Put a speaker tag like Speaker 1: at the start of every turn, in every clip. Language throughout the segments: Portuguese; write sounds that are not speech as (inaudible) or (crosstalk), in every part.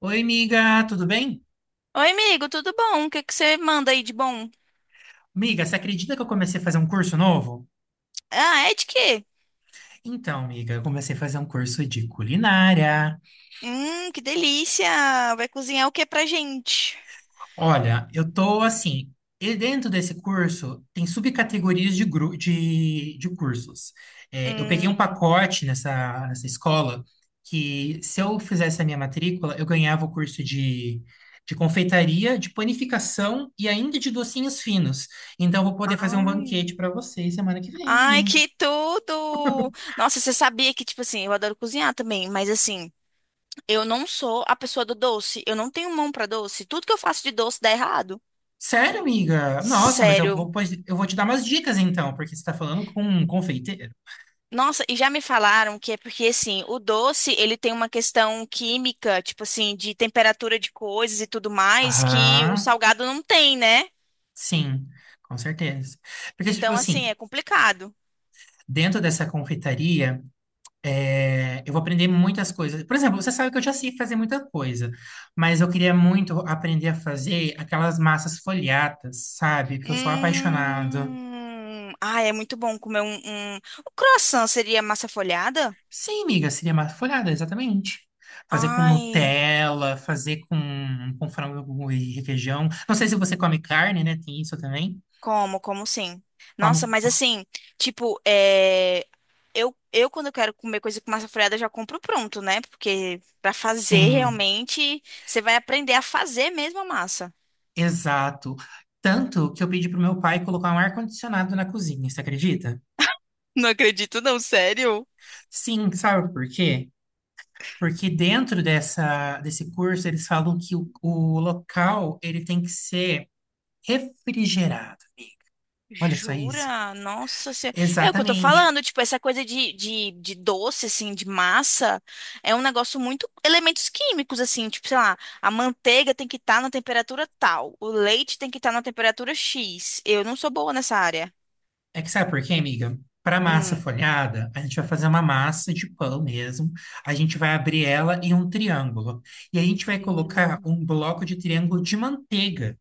Speaker 1: Oi, amiga. Tudo bem?
Speaker 2: Oi, amigo, tudo bom? O que que você manda aí de bom?
Speaker 1: Amiga, você acredita que eu comecei a fazer um curso novo?
Speaker 2: Ah, é de quê?
Speaker 1: Então, amiga, eu comecei a fazer um curso de culinária.
Speaker 2: Que delícia! Vai cozinhar o que pra gente?
Speaker 1: Olha, eu tô assim, e dentro desse curso tem subcategorias de cursos. É, eu peguei um
Speaker 2: Hum.
Speaker 1: pacote nessa escola que, se eu fizesse a minha matrícula, eu ganhava o curso de confeitaria, de panificação e ainda de docinhos finos. Então, eu vou poder fazer um
Speaker 2: Ai.
Speaker 1: banquete para vocês semana que vem.
Speaker 2: Ai, que tudo! Nossa, você sabia que, tipo assim, eu adoro cozinhar também, mas assim, eu não sou a pessoa do doce. Eu não tenho mão pra doce. Tudo que eu faço de doce dá errado.
Speaker 1: Sério, amiga? Nossa, mas
Speaker 2: Sério.
Speaker 1: eu vou te dar umas dicas então, porque você está falando com um confeiteiro.
Speaker 2: Nossa, e já me falaram que é porque, assim, o doce, ele tem uma questão química, tipo assim, de temperatura de coisas e tudo mais, que o
Speaker 1: Aham,
Speaker 2: salgado não tem, né?
Speaker 1: sim, com certeza. Porque, tipo
Speaker 2: Então, assim,
Speaker 1: assim,
Speaker 2: é complicado.
Speaker 1: dentro dessa confeitaria, eu vou aprender muitas coisas. Por exemplo, você sabe que eu já sei fazer muita coisa, mas eu queria muito aprender a fazer aquelas massas folhadas, sabe? Porque eu sou apaixonado.
Speaker 2: Hum. Ah, é muito bom comer um, O croissant seria massa folhada?
Speaker 1: Sim, amiga, seria massa folhada, exatamente. Fazer com
Speaker 2: Ai.
Speaker 1: Nutella, fazer com frango e requeijão. Não sei se você come carne, né? Tem isso também.
Speaker 2: Como, sim. Nossa,
Speaker 1: Come.
Speaker 2: mas assim, tipo, eu quando eu quero comer coisa com massa folhada, eu já compro pronto, né? Porque pra fazer
Speaker 1: Sim,
Speaker 2: realmente, você vai aprender a fazer mesmo a massa.
Speaker 1: exato. Tanto que eu pedi pro meu pai colocar um ar-condicionado na cozinha, você acredita?
Speaker 2: Não acredito, não, sério?
Speaker 1: Sim, sabe por quê? Porque dentro desse curso eles falam que o local ele tem que ser refrigerado, amiga. Olha só isso.
Speaker 2: Jura? Nossa senhora. É o que eu tô
Speaker 1: Exatamente.
Speaker 2: falando, tipo, essa coisa de doce, assim, de massa, é um negócio muito elementos químicos, assim, tipo, sei lá, a manteiga tem que estar na temperatura tal, o leite tem que estar na temperatura X. Eu não sou boa nessa área.
Speaker 1: É que sabe por quê, amiga? Para massa
Speaker 2: Hum.
Speaker 1: folhada, a gente vai fazer uma massa de pão mesmo. A gente vai abrir ela em um triângulo. E a gente vai colocar
Speaker 2: Hum.
Speaker 1: um bloco de triângulo de manteiga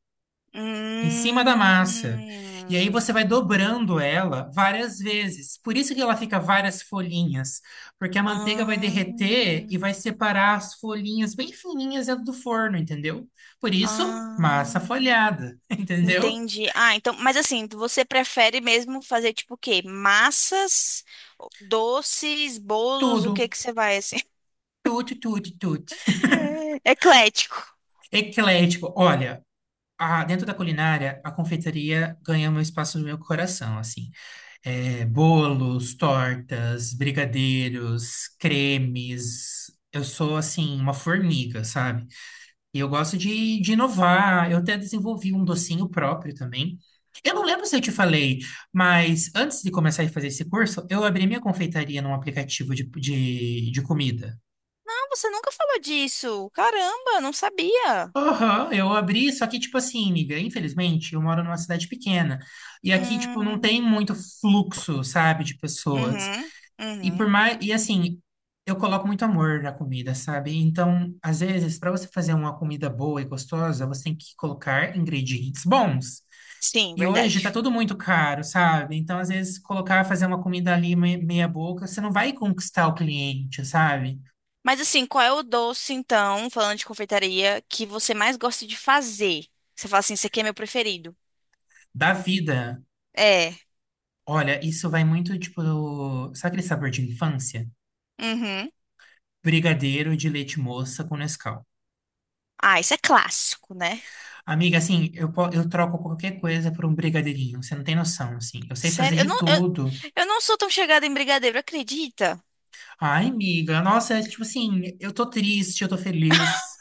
Speaker 1: em cima da
Speaker 2: Hum.
Speaker 1: massa. E aí você vai dobrando ela várias vezes. Por isso que ela fica várias folhinhas, porque a manteiga vai derreter
Speaker 2: Ah.
Speaker 1: e vai separar as folhinhas bem fininhas dentro do forno, entendeu? Por isso, massa
Speaker 2: Ah.
Speaker 1: folhada, (laughs) entendeu?
Speaker 2: Entendi. Ah, então, mas assim, você prefere mesmo fazer tipo o quê? Massas, doces, bolos,
Speaker 1: Tudo,
Speaker 2: o que que você vai assim?
Speaker 1: tudo, tudo, tudo.
Speaker 2: (laughs) Eclético.
Speaker 1: Eclético. Olha, dentro da culinária, a confeitaria ganha um espaço no meu coração, assim. É, bolos, tortas, brigadeiros, cremes. Eu sou, assim, uma formiga, sabe? E eu gosto de inovar. Eu até desenvolvi um docinho próprio também. Eu não lembro se eu te falei, mas antes de começar a fazer esse curso, eu abri minha confeitaria num aplicativo de comida.
Speaker 2: Não, você nunca falou disso. Caramba, não sabia.
Speaker 1: Aham, eu abri, só que, tipo assim, amiga, infelizmente, eu moro numa cidade pequena. E aqui, tipo, não
Speaker 2: Hum.
Speaker 1: tem muito fluxo, sabe, de pessoas.
Speaker 2: Uhum.
Speaker 1: E por
Speaker 2: Uhum.
Speaker 1: mais. E assim, eu coloco muito amor na comida, sabe? Então, às vezes, para você fazer uma comida boa e gostosa, você tem que colocar ingredientes bons.
Speaker 2: Sim,
Speaker 1: E hoje tá
Speaker 2: verdade.
Speaker 1: tudo muito caro, sabe? Então, às vezes, colocar, fazer uma comida ali meia boca, você não vai conquistar o cliente, sabe?
Speaker 2: Mas assim, qual é o doce, então, falando de confeitaria, que você mais gosta de fazer? Você fala assim, esse aqui é meu preferido.
Speaker 1: Da vida.
Speaker 2: É.
Speaker 1: Olha, isso vai muito, tipo, sabe aquele sabor de infância?
Speaker 2: Uhum.
Speaker 1: Brigadeiro de leite moça com Nescau.
Speaker 2: Ah, isso é clássico, né?
Speaker 1: Amiga, assim, eu troco qualquer coisa por um brigadeirinho, você não tem noção, assim. Eu sei fazer
Speaker 2: Sério, eu
Speaker 1: de
Speaker 2: não, eu,
Speaker 1: tudo.
Speaker 2: eu não sou tão chegada em brigadeiro, acredita?
Speaker 1: Ai, amiga, nossa, é tipo assim, eu tô triste, eu tô feliz.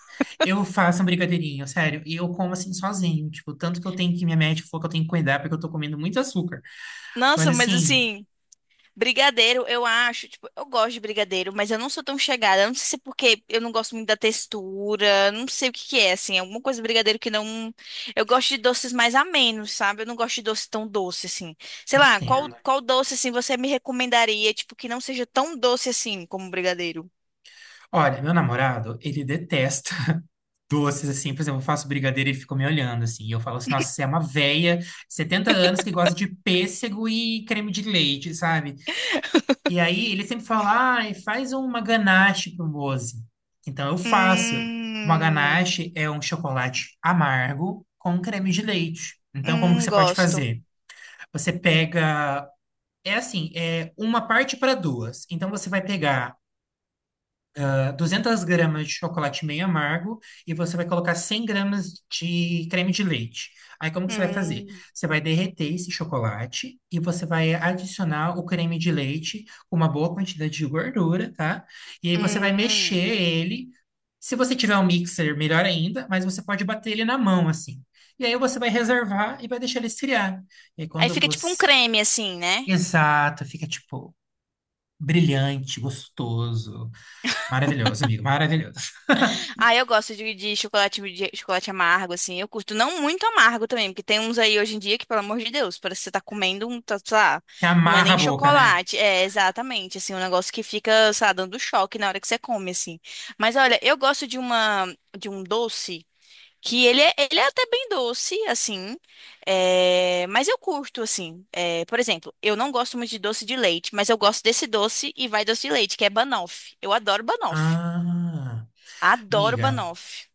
Speaker 1: Eu faço um brigadeirinho, sério. E eu como assim sozinho, tipo, tanto que eu tenho que minha médica falou que eu tenho que cuidar porque eu tô comendo muito açúcar. Mas
Speaker 2: Nossa, mas
Speaker 1: assim,
Speaker 2: assim, brigadeiro, eu acho, tipo, eu gosto de brigadeiro, mas eu não sou tão chegada. Eu não sei se é porque eu não gosto muito da textura, não sei o que que é, assim, alguma coisa de brigadeiro que não. Eu gosto de doces mais amenos, sabe? Eu não gosto de doce tão doce, assim. Sei
Speaker 1: não
Speaker 2: lá, qual,
Speaker 1: entendo.
Speaker 2: qual doce, assim, você me recomendaria, tipo, que não seja tão doce assim como brigadeiro?
Speaker 1: Olha, meu namorado, ele detesta doces, assim, por exemplo, eu faço brigadeiro e ele fica me olhando, assim, e eu falo assim, nossa, você é uma véia, 70 anos, que gosta de pêssego e creme de leite, sabe? E aí ele sempre fala, ai, faz uma ganache pro Mose. Então eu faço. Uma
Speaker 2: Hum,
Speaker 1: ganache é um chocolate amargo com creme de leite. Então, como que você pode
Speaker 2: gosto.
Speaker 1: fazer? Você pega, é assim, é uma parte para duas. Então, você vai pegar 200 gramas de chocolate meio amargo e você vai colocar 100 gramas de creme de leite. Aí como que você vai fazer?
Speaker 2: Hum,
Speaker 1: Você vai derreter esse chocolate e você vai adicionar o creme de leite com uma boa quantidade de gordura, tá? E aí você vai mexer
Speaker 2: hum.
Speaker 1: ele. Se você tiver um mixer, melhor ainda, mas você pode bater ele na mão assim. E aí você vai reservar e vai deixar ele esfriar. E aí
Speaker 2: Aí
Speaker 1: quando
Speaker 2: fica tipo um
Speaker 1: você...
Speaker 2: creme, assim, né?
Speaker 1: Exato, fica tipo brilhante, gostoso. Maravilhoso, amigo, maravilhoso.
Speaker 2: Ah, eu gosto de chocolate, de chocolate amargo, assim. Eu curto não muito amargo também, porque tem uns aí hoje em dia que, pelo amor de Deus, parece que você tá comendo um, tá, sei lá,
Speaker 1: Que
Speaker 2: não é
Speaker 1: amarra a
Speaker 2: nem
Speaker 1: boca, né?
Speaker 2: chocolate. É, exatamente, assim, um negócio que fica, sei lá, dando choque na hora que você come, assim. Mas olha, eu gosto de uma, de um doce que ele é até bem doce, assim, é, mas eu curto, assim. É, por exemplo, eu não gosto muito de doce de leite, mas eu gosto desse doce e vai doce de leite, que é banoffee. Eu adoro banoffee.
Speaker 1: Ah,
Speaker 2: Adoro
Speaker 1: amiga,
Speaker 2: banoffee.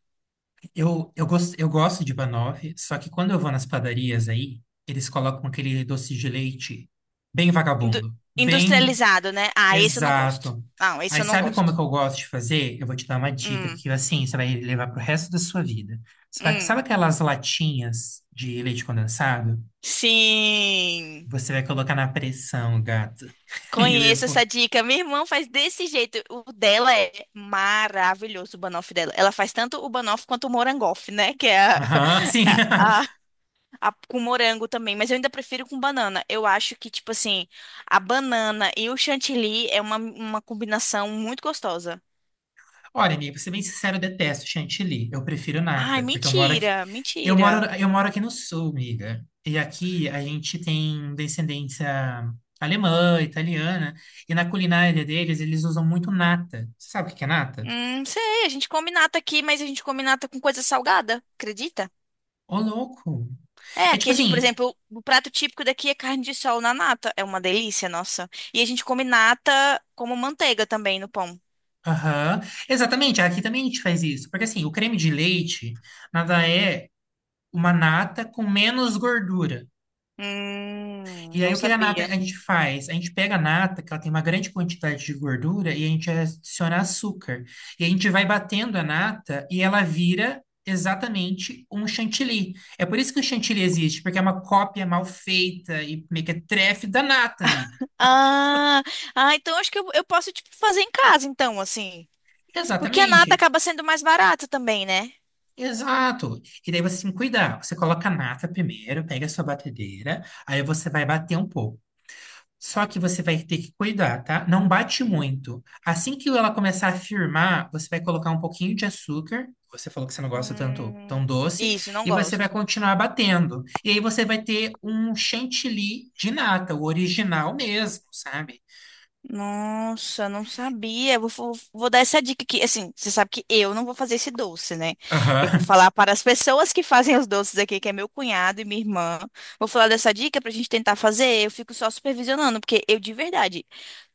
Speaker 1: eu gosto de banoffee, só que quando eu vou nas padarias aí, eles colocam aquele doce de leite bem
Speaker 2: Indu-
Speaker 1: vagabundo, bem
Speaker 2: industrializado, né? Ah, esse eu não gosto.
Speaker 1: exato.
Speaker 2: Não, esse
Speaker 1: Aí
Speaker 2: eu não
Speaker 1: sabe como
Speaker 2: gosto.
Speaker 1: é que eu gosto de fazer? Eu vou te dar uma dica
Speaker 2: Hum,
Speaker 1: que, assim, você vai levar pro resto da sua vida. Sabe
Speaker 2: hum.
Speaker 1: aquelas latinhas de leite condensado?
Speaker 2: Sim.
Speaker 1: Você vai colocar na pressão, gato. (laughs) E eu
Speaker 2: Conheço essa dica. Minha irmã faz desse jeito. O dela é maravilhoso, o banoffee dela. Ela faz tanto o banoffee quanto o morangoff, né? Que é a,
Speaker 1: Aham, sim.
Speaker 2: (laughs) a-
Speaker 1: (laughs)
Speaker 2: a- com morango também. Mas eu ainda prefiro com banana. Eu acho que, tipo assim, a banana e o chantilly é uma combinação muito gostosa.
Speaker 1: Olha, amigo, pra ser bem sincero, eu detesto chantilly. Eu prefiro
Speaker 2: Ai,
Speaker 1: nata, porque eu moro aqui.
Speaker 2: mentira,
Speaker 1: Eu moro,
Speaker 2: mentira.
Speaker 1: eu moro aqui no sul, amiga. E aqui a gente tem descendência alemã, italiana, e na culinária deles eles usam muito nata. Você sabe o que que é nata?
Speaker 2: Sei, a gente come nata aqui, mas a gente come nata com coisa salgada, acredita?
Speaker 1: Ô, louco!
Speaker 2: É,
Speaker 1: É tipo
Speaker 2: aqui, por
Speaker 1: assim,
Speaker 2: exemplo, o prato típico daqui é carne de sol na nata. É uma delícia, nossa. E a gente come nata como manteiga também no pão.
Speaker 1: aham, exatamente, aqui também a gente faz isso, porque assim, o creme de leite nada é uma nata com menos gordura. E aí,
Speaker 2: Não
Speaker 1: o que a nata a
Speaker 2: sabia.
Speaker 1: gente faz? A gente pega a nata, que ela tem uma grande quantidade de gordura, e a gente adiciona açúcar. E a gente vai batendo a nata e ela vira exatamente um chantilly. É por isso que o chantilly existe, porque é uma cópia mal feita e mequetrefe da nata, amigo.
Speaker 2: Ah, ah, então acho que eu posso, tipo, fazer em casa, então, assim. Porque a nata
Speaker 1: Exatamente.
Speaker 2: acaba sendo mais barata também, né?
Speaker 1: Exato. E daí você tem que cuidar. Você coloca a nata primeiro, pega a sua batedeira, aí você vai bater um pouco. Só que
Speaker 2: Hum,
Speaker 1: você vai ter que cuidar, tá? Não bate muito. Assim que ela começar a firmar, você vai colocar um pouquinho de açúcar. Você falou que você não gosta tanto
Speaker 2: hum,
Speaker 1: tão doce,
Speaker 2: isso, não
Speaker 1: e você vai
Speaker 2: gosto.
Speaker 1: continuar batendo. E aí você vai ter um chantilly de nata, o original mesmo, sabe?
Speaker 2: Nossa, não sabia. Eu vou dar essa dica aqui. Assim, você sabe que eu não vou fazer esse doce, né? Eu vou
Speaker 1: Aham,
Speaker 2: falar para as pessoas que fazem os doces aqui, que é meu cunhado e minha irmã. Vou falar dessa dica pra gente tentar fazer. Eu fico só supervisionando, porque eu, de verdade,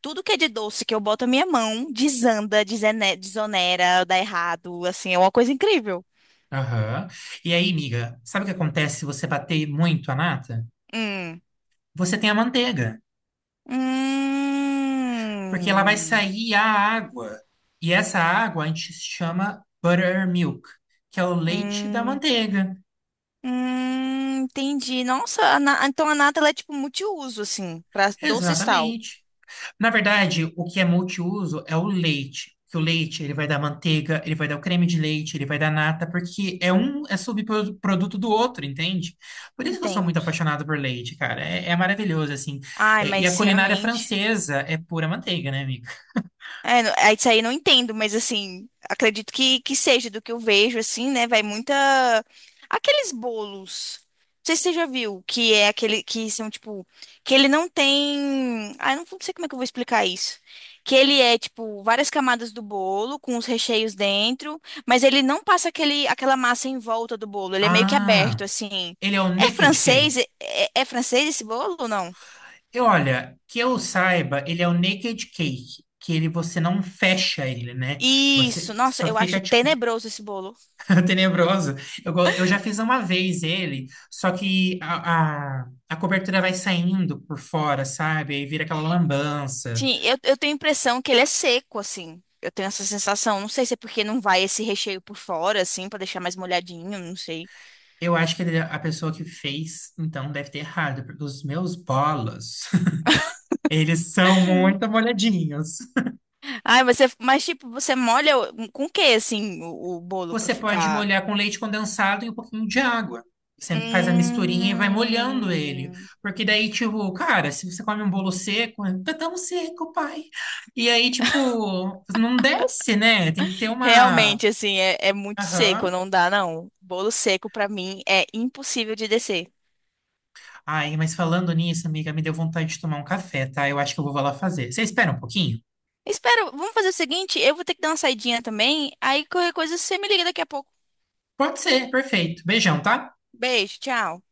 Speaker 2: tudo que é de doce que eu boto a minha mão, desanda, desonera, dá errado. Assim, é uma coisa incrível.
Speaker 1: (laughs) aham. E aí, amiga, sabe o que acontece se você bater muito a nata?
Speaker 2: Hum.
Speaker 1: Você tem a manteiga, porque ela vai
Speaker 2: Hum.
Speaker 1: sair a água. E essa água a gente chama buttermilk, que é o leite da
Speaker 2: Hum.
Speaker 1: manteiga.
Speaker 2: Entendi. Nossa, então a nata ela é tipo multiuso, assim, pra doce e sal.
Speaker 1: Exatamente. Na verdade, o que é multiuso é o leite. Que o leite, ele vai dar manteiga, ele vai dar o creme de leite, ele vai dar nata, porque é um subproduto do outro, entende? Por isso que eu sou muito
Speaker 2: Entendo.
Speaker 1: apaixonado por leite, cara. É maravilhoso, assim.
Speaker 2: Ai,
Speaker 1: É, e a
Speaker 2: mas
Speaker 1: culinária
Speaker 2: realmente.
Speaker 1: francesa é pura manteiga, né, amiga?
Speaker 2: É, isso aí eu não entendo, mas assim, acredito que seja do que eu vejo, assim, né? Vai muita. Aqueles bolos. Não sei se você já viu, que é aquele que são, tipo, que ele não tem. Ah, eu não sei como é que eu vou explicar isso. Que ele é, tipo, várias camadas do bolo, com os recheios dentro, mas ele não passa aquele, aquela massa em volta do bolo. Ele é meio que
Speaker 1: Ah,
Speaker 2: aberto, assim.
Speaker 1: ele é o
Speaker 2: É
Speaker 1: Naked Cake.
Speaker 2: francês? É francês esse bolo ou não?
Speaker 1: E olha, que eu saiba, ele é o Naked Cake, que ele você não fecha ele, né?
Speaker 2: Isso,
Speaker 1: Você
Speaker 2: nossa,
Speaker 1: só
Speaker 2: eu
Speaker 1: fica,
Speaker 2: acho
Speaker 1: tipo,
Speaker 2: tenebroso esse bolo.
Speaker 1: (laughs) tenebroso. Eu já fiz uma vez ele, só que a cobertura vai saindo por fora, sabe? Aí vira aquela lambança.
Speaker 2: Sim, eu tenho a impressão que ele é seco, assim. Eu tenho essa sensação. Não sei se é porque não vai esse recheio por fora, assim, pra deixar mais molhadinho, não sei.
Speaker 1: Eu acho que é a pessoa que fez, então, deve ter errado, porque os meus bolos, (laughs) eles são muito molhadinhos.
Speaker 2: Ai, você, mas tipo, você molha um, com o que, assim, o bolo pra
Speaker 1: Você pode
Speaker 2: ficar.
Speaker 1: molhar com leite condensado e um pouquinho de água. Você faz a misturinha e vai molhando ele.
Speaker 2: Hum,
Speaker 1: Porque daí, tipo, cara, se você come um bolo seco, tá tão seco, pai. E aí, tipo, não desce, né? Tem que ter uma.
Speaker 2: realmente, assim, é muito seco,
Speaker 1: Aham.
Speaker 2: não dá, não. Bolo seco, pra mim, é impossível de descer.
Speaker 1: Ai, mas falando nisso, amiga, me deu vontade de tomar um café, tá? Eu acho que eu vou lá fazer. Você espera um pouquinho?
Speaker 2: Espero, vamos fazer o seguinte, eu vou ter que dar uma saidinha também, aí qualquer coisa você me liga daqui a pouco.
Speaker 1: Pode ser, perfeito. Beijão, tá?
Speaker 2: Beijo, tchau.